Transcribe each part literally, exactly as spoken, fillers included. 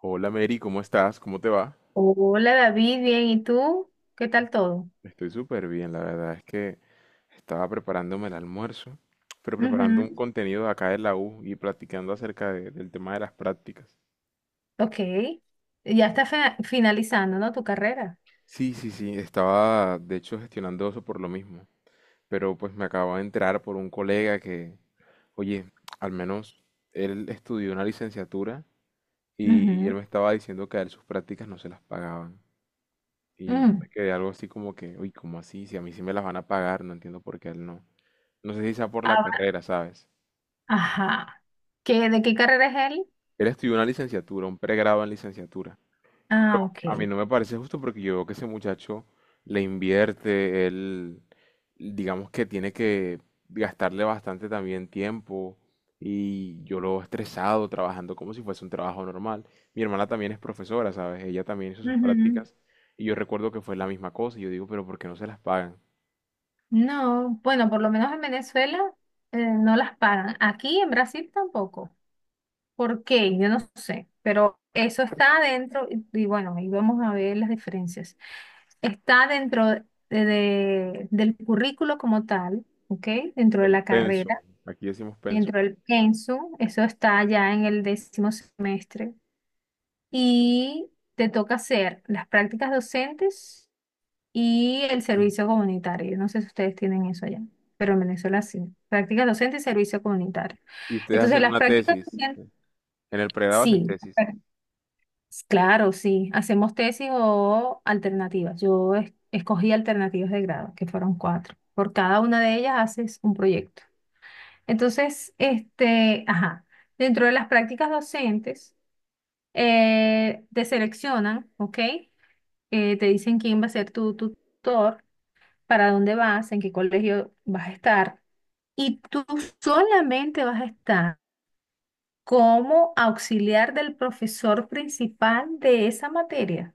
Hola Mary, ¿cómo estás? ¿Cómo te va? Hola David, bien, ¿y tú? ¿Qué tal todo? Estoy súper bien, la verdad es que estaba preparándome el almuerzo, pero preparando un Ujú. contenido de acá de la U y platicando acerca de- del tema de las prácticas. Ok, ya está fina- finalizando, ¿no? Tu carrera. Sí, sí, sí, estaba de hecho gestionando eso por lo mismo, pero pues me acabo de enterar por un colega que, oye, al menos él estudió una licenciatura y él Ujú. me estaba diciendo que a él sus prácticas no se las pagaban. Y yo Mm. me quedé algo así como que, uy, ¿cómo así? Si a mí sí me las van a pagar, no entiendo por qué a él no. No sé si sea por la Ah. carrera, ¿sabes? Ajá. ¿Qué, de qué carrera es él? Él estudió una licenciatura, un pregrado en licenciatura. Pero Ah, a mí ok. no me parece justo porque yo veo que ese muchacho le invierte, él, digamos que tiene que gastarle bastante también tiempo y yo lo veo estresado trabajando como si fuese un trabajo normal. Mi hermana también es profesora, ¿sabes? Ella también hizo sus Ujú. prácticas y yo recuerdo que fue la misma cosa y yo digo, pero ¿por qué no se las pagan? No, bueno, por lo menos en Venezuela eh, no las pagan. Aquí en Brasil tampoco. ¿Por qué? Yo no sé, pero eso está adentro y, y bueno, ahí vamos a ver las diferencias. Está dentro de- de- del currículo como tal, ¿ok? Dentro de Del la pensum, carrera, aquí decimos pensum. dentro del pensum, eso está ya en el décimo semestre y te toca hacer las prácticas docentes y el servicio comunitario. Yo no sé si ustedes tienen eso allá, pero en Venezuela sí. Prácticas docentes y servicio comunitario. Y ustedes Entonces, hacen las una prácticas tesis, docentes, en el pregrado hacen sí. tesis. Claro, sí, hacemos tesis o alternativas. Yo es- escogí alternativas de grado, que fueron cuatro. Por cada una de ellas haces un proyecto. Entonces, este, ajá, dentro de las prácticas docentes, eh, te seleccionan, ¿ok? Eh, te dicen quién va a ser tu tutor, para dónde vas, en qué colegio vas a estar. Y tú solamente vas a estar como auxiliar del profesor principal de esa materia.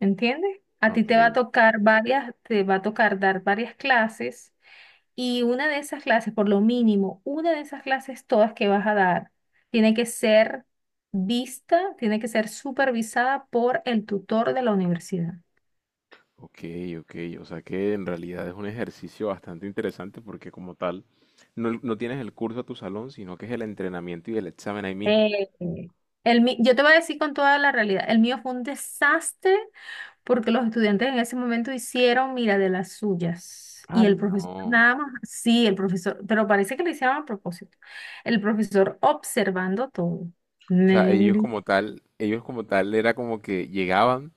¿Entiendes? A ti te Ok, va a tocar varias, te va a tocar dar varias clases y una de esas clases, por lo mínimo, una de esas clases todas que vas a dar, tiene que ser vista, tiene que ser supervisada por el tutor de la universidad. ok, ok. O sea que en realidad es un ejercicio bastante interesante porque como tal, no, no tienes el curso a tu salón, sino que es el entrenamiento y el examen ahí mismo. Eh, el, mi- yo te voy a decir con toda la realidad, el mío fue un desastre porque los estudiantes en ese momento hicieron, mira, de las suyas. Y Ay, el profesor no. nada más, sí, el profesor, pero parece que lo hicieron a propósito. El profesor observando todo. O sea, ellos Negro. como tal, ellos como tal era como que llegaban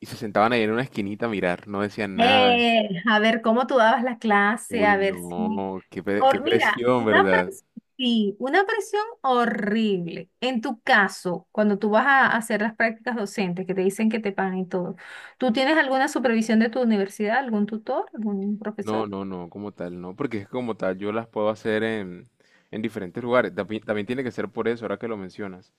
y se sentaban ahí en una esquinita a mirar, no decían nada. Eh, a ver cómo tú dabas la clase, a Uy, ver si no, qué, pre- qué Hor- mira, presión, una ¿verdad? presión, sí, una presión horrible. En tu caso, cuando tú vas a hacer las prácticas docentes, que te dicen que te pagan y todo, ¿tú tienes alguna supervisión de tu universidad, algún tutor, algún No, profesor? no, no, como tal, no, porque es como tal, yo las puedo hacer en, en diferentes lugares. También, también tiene que ser por eso, ahora que lo mencionas.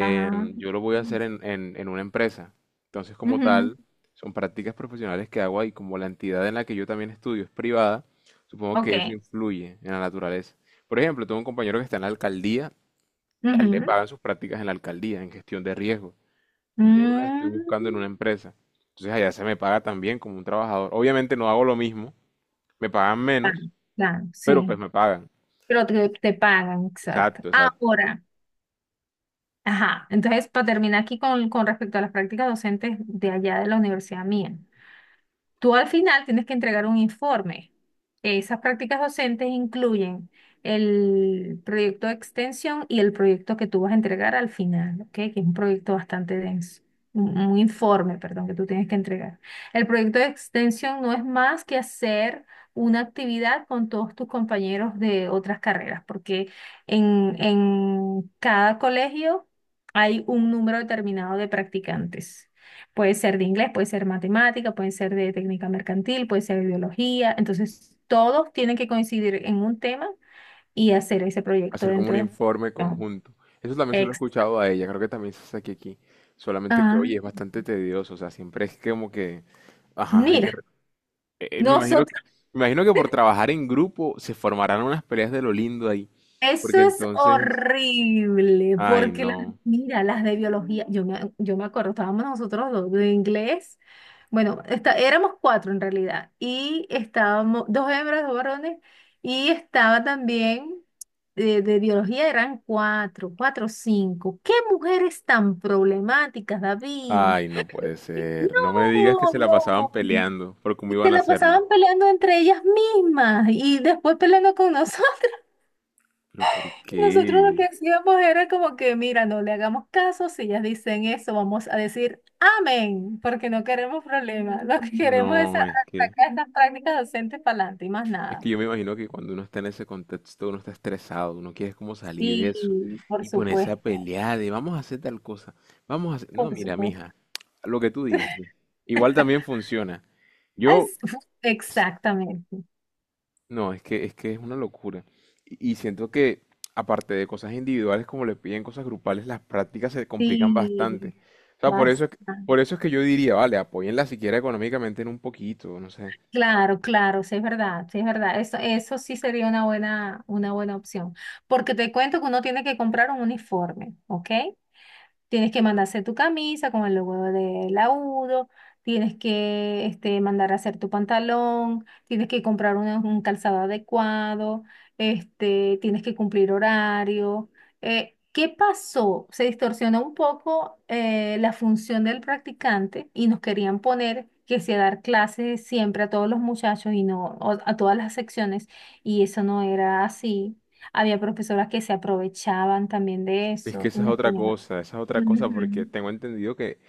Ah, yo lo voy a hacer en, en, en una empresa. Entonces, como ujú, tal, son prácticas profesionales que hago ahí, como la entidad en la que yo también estudio es privada, supongo que eso ok. influye en la naturaleza. Por ejemplo, tengo un compañero que está en la alcaldía, a él le Ujú. pagan sus prácticas en la alcaldía, en gestión de riesgo. Yo las estoy Mm, buscando en una empresa. Entonces allá se me paga también como un trabajador. Obviamente no hago lo mismo, me pagan claro, menos, claro, pero pues sí. me pagan. Pero te, te pagan, exacto. Exacto, exacto. Ahora, ajá. Entonces, para terminar aquí con, con respecto a las prácticas docentes de allá de la universidad mía. Tú al final tienes que entregar un informe. Esas prácticas docentes incluyen el proyecto de extensión y el proyecto que tú vas a entregar al final, ¿ok? Que es un proyecto bastante denso, un, un informe, perdón, que tú tienes que entregar. El proyecto de extensión no es más que hacer una actividad con todos tus compañeros de otras carreras, porque en, en cada colegio hay un número determinado de practicantes. Puede ser de inglés, puede ser matemática, puede ser de técnica mercantil, puede ser de biología. Entonces, todos tienen que coincidir en un tema y hacer ese proyecto Hacer como un dentro de... informe No. conjunto. Eso también se lo he Ex. escuchado a ella, creo que también se hace aquí, solamente que, Ah, oye, es bastante tedioso, o sea, siempre es como que, ajá, hay que... mira, re- eh, eh, me imagino nosotros. que, me imagino que por trabajar en grupo se formarán unas peleas de lo lindo ahí, Eso porque es entonces, horrible, ay, porque las, no, mira, las de biología, yo me, yo me acuerdo, estábamos nosotros dos de inglés, bueno, está, éramos cuatro en realidad, y estábamos, dos hembras, dos varones, y estaba también de, de biología, eran cuatro, cuatro o cinco. ¡Qué mujeres tan problemáticas, David! ay, no puede ser. No me digas que se la No, pasaban no. peleando por cómo Y iban te a la hacerlo. pasaban peleando entre ellas mismas y después peleando con nosotros. Pero ¿por Nosotros lo que qué? hacíamos era como que, mira, no le hagamos caso, si ellas dicen eso, vamos a decir amén, porque no queremos problemas, lo que queremos es a- No, es que... sacar estas prácticas docentes para adelante y más Es nada. que yo me imagino que cuando uno está en ese contexto, uno está estresado, uno quiere como salir de eso Sí, por y ponerse a supuesto, pelear de vamos a hacer tal cosa, vamos a hacer... No, por mira, supuesto. mija, lo que tú digas, sí. Igual también funciona. Yo, Es- es- exactamente. no, es que es que es una locura. Y, y siento que aparte de cosas individuales como le piden cosas grupales, las prácticas se complican Sí, bastante. O sea, por eso es que, bastante. por eso es que yo diría, vale, apóyenla siquiera económicamente en un poquito, no sé. Claro, claro, sí es verdad, sí es verdad. Eso, eso sí sería una buena, una buena opción, porque te cuento que uno tiene que comprar un uniforme, ¿ok? Tienes que mandar a hacer tu camisa con el logo de laudo, tienes que este, mandar a hacer tu pantalón, tienes que comprar un, un calzado adecuado, este, tienes que cumplir horario. Eh, ¿qué pasó? Se distorsionó un poco eh, la función del practicante y nos querían poner que sea dar clases siempre a todos los muchachos y no o- a todas las secciones, y eso no era así. Había profesoras que se aprovechaban también de Es que eso y esa es nos otra ponían. cosa, esa es otra cosa, porque Ujú. tengo entendido que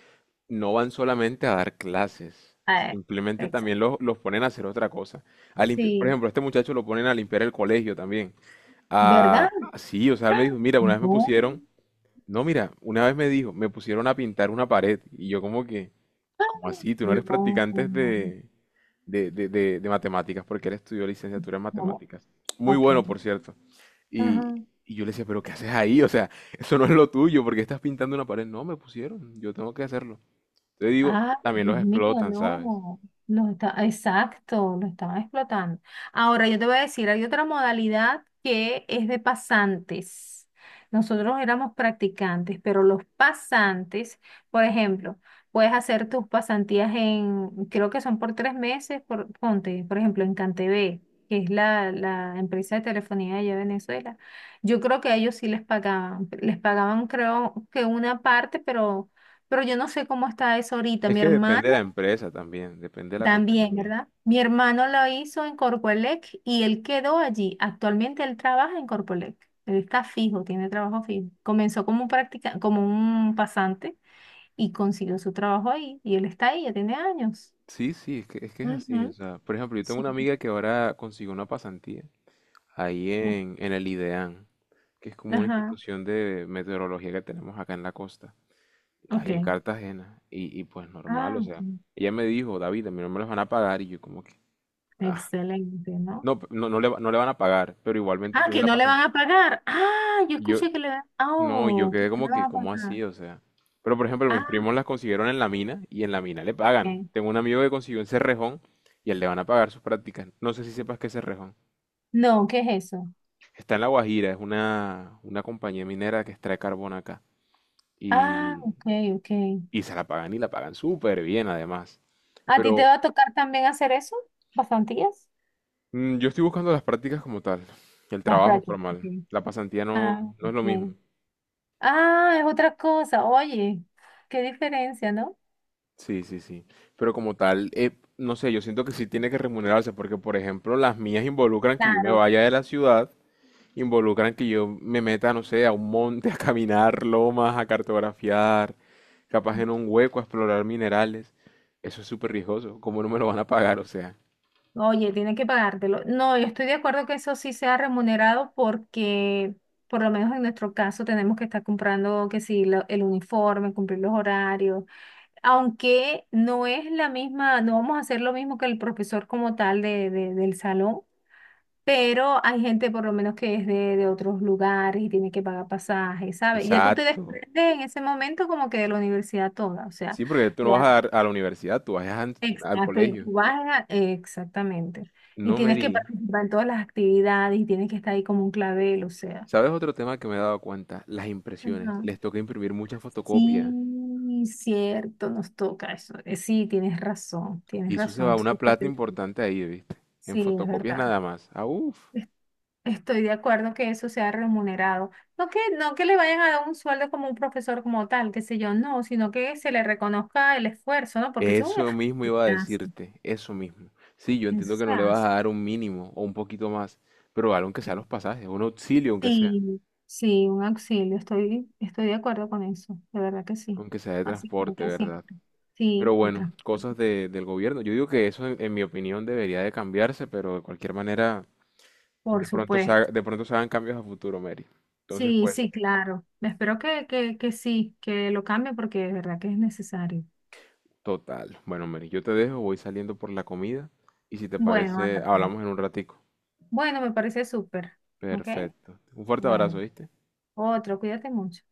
no van solamente a dar clases, Ah, simplemente también exacto. los, los ponen a hacer otra cosa. A limpi- por Sí, ejemplo, a este muchacho lo ponen a limpiar el colegio también. Ah, ¿verdad? ah, sí, o sea, él me dijo, mira, una vez me No, pusieron, no, mira, una vez me dijo, me pusieron a pintar una pared y yo como que, ¿cómo así? Tú no eres no, practicante no, de, de, de, de, de matemáticas porque él estudió licenciatura en no. matemáticas. Muy bueno, Ok. por cierto. Y, Ajá. y yo le decía, pero ¿qué haces ahí? O sea, eso no es lo tuyo, porque estás pintando una pared? No, me pusieron, yo tengo que hacerlo. Te digo, Ay, también Dios los mío, explotan, ¿sabes? no. Los está, exacto, lo estaban explotando. Ahora yo te voy a decir, hay otra modalidad que es de pasantes. Nosotros éramos practicantes, pero los pasantes, por ejemplo, puedes hacer tus pasantías en, creo que son por tres meses, por, ponte, por ejemplo, en Cantv, que es la, la empresa de telefonía allá de Venezuela. Yo creo que a ellos sí les pagaban, les pagaban creo que una parte, pero pero yo no sé cómo está eso ahorita. Es Mi que depende de hermano la empresa también, depende de la también, compañía. ¿verdad? Mi hermano lo hizo en Corpoelec y él quedó allí. Actualmente él trabaja en Corpoelec. Él está fijo, tiene trabajo fijo. Comenzó como un practica, como un pasante y consiguió su trabajo ahí. Y él está ahí, ya tiene años. Sí, sí, es que es que es así. O Ujú. sea, por ejemplo, yo tengo Sí. una amiga que ahora consiguió una pasantía ahí Mm. en, en el IDEAN, que es como una Ajá. institución de meteorología que tenemos acá en la costa, Ok. ahí en Cartagena. Y, y pues normal, Ah, o ok. sea, ella me dijo, David, a mí no me los van a pagar. Y yo como que, ah, Excelente, ¿no? no, pe- no, no le, va- no le van a pagar, pero igualmente Ah, tiene que la no le van pasantía. a pagar. Ah, yo escuché que le van. Ah, No, yo oh, que quedé no como le van que, a ¿cómo pagar. así? O sea. Pero por ejemplo, mis Ah, primos las consiguieron en la mina y en la mina le pagan. ok. Tengo un amigo que consiguió en Cerrejón y él le van a pagar sus prácticas. No sé si sepas qué es Cerrejón. No, ¿qué es eso? Está en La Guajira, es una, una compañía minera que extrae carbón acá. Ah, Y, ok, ok. y se la pagan y la pagan súper bien además. ¿A ti te Pero va a tocar también hacer eso? ¿Bastantías? mm, yo estoy buscando las prácticas como tal, el Las trabajo prácticas. formal. Ok. La pasantía no, Ah, no es lo mismo. ok. Ah, es otra cosa. Oye, qué diferencia, ¿no? Sí, sí, sí. Pero como tal, eh, no sé, yo siento que sí tiene que remunerarse, porque por ejemplo, las mías involucran que yo me Claro. vaya de la ciudad, involucran que yo me meta, no sé, a un monte, a caminar lomas, a cartografiar, capaz en un hueco, a explorar minerales. Eso es súper riesgoso. ¿Cómo no me lo van a pagar? O sea, Oye, tiene que pagártelo. No, yo estoy de acuerdo que eso sí sea remunerado porque, por lo menos en nuestro caso, tenemos que estar comprando que sí, lo- el uniforme, cumplir los horarios, aunque no es la misma, no vamos a hacer lo mismo que el profesor como tal de, de- del salón. Pero hay gente por lo menos que es de, de otros lugares y tiene que pagar pasajes, ¿sabes? Y ya tú te exacto. desprendes en ese momento como que de la universidad toda, o sea, Sí, porque tú no ya, vas a, dar a la universidad, tú vas a- al exacto, y colegio. tú vas a- exactamente. Y No, tienes que Mary. participar en todas las actividades y tienes que estar ahí como un clavel, o sea. ¿Sabes otro tema que me he dado cuenta? Las impresiones. Ajá. Les toca imprimir muchas Sí, fotocopias. cierto, nos toca eso. Eh, Sí, tienes razón, tienes Y eso se razón. va una Entonces, plata importante ahí, ¿viste? En sí, es fotocopias verdad. nada más. Ah, uff. Estoy de acuerdo que eso sea remunerado. No que, no que le vayan a dar un sueldo como un profesor como tal, qué sé yo, no, sino que se le reconozca el esfuerzo, ¿no? Porque eso es Eso mismo un iba a esfuerzo. decirte, eso mismo. Sí, yo Eso entiendo que se no le vas hace. a dar un mínimo o un poquito más, pero algo aunque sea Claro. los pasajes, un auxilio aunque sea, Sí, sí, un auxilio. Estoy, estoy de acuerdo con eso. De verdad que sí. aunque sea de Así transporte, falta ¿verdad? siempre. Sí, Pero el bueno, transporte. cosas de- del gobierno. Yo digo que eso, en, en mi opinión, debería de cambiarse, pero de cualquier manera, Por de pronto se haga- supuesto. de pronto se hagan cambios a futuro, Mary. Entonces, Sí, pues, sí, claro. Espero que, que, que sí, que lo cambie porque de verdad que es necesario. total. Bueno, Mary, yo te dejo, voy saliendo por la comida y si te Bueno, parece, anda pues. hablamos en un ratico. Bueno, me parece súper. ¿Ok? Perfecto. Un fuerte abrazo, Bueno, ¿viste? otro, cuídate mucho.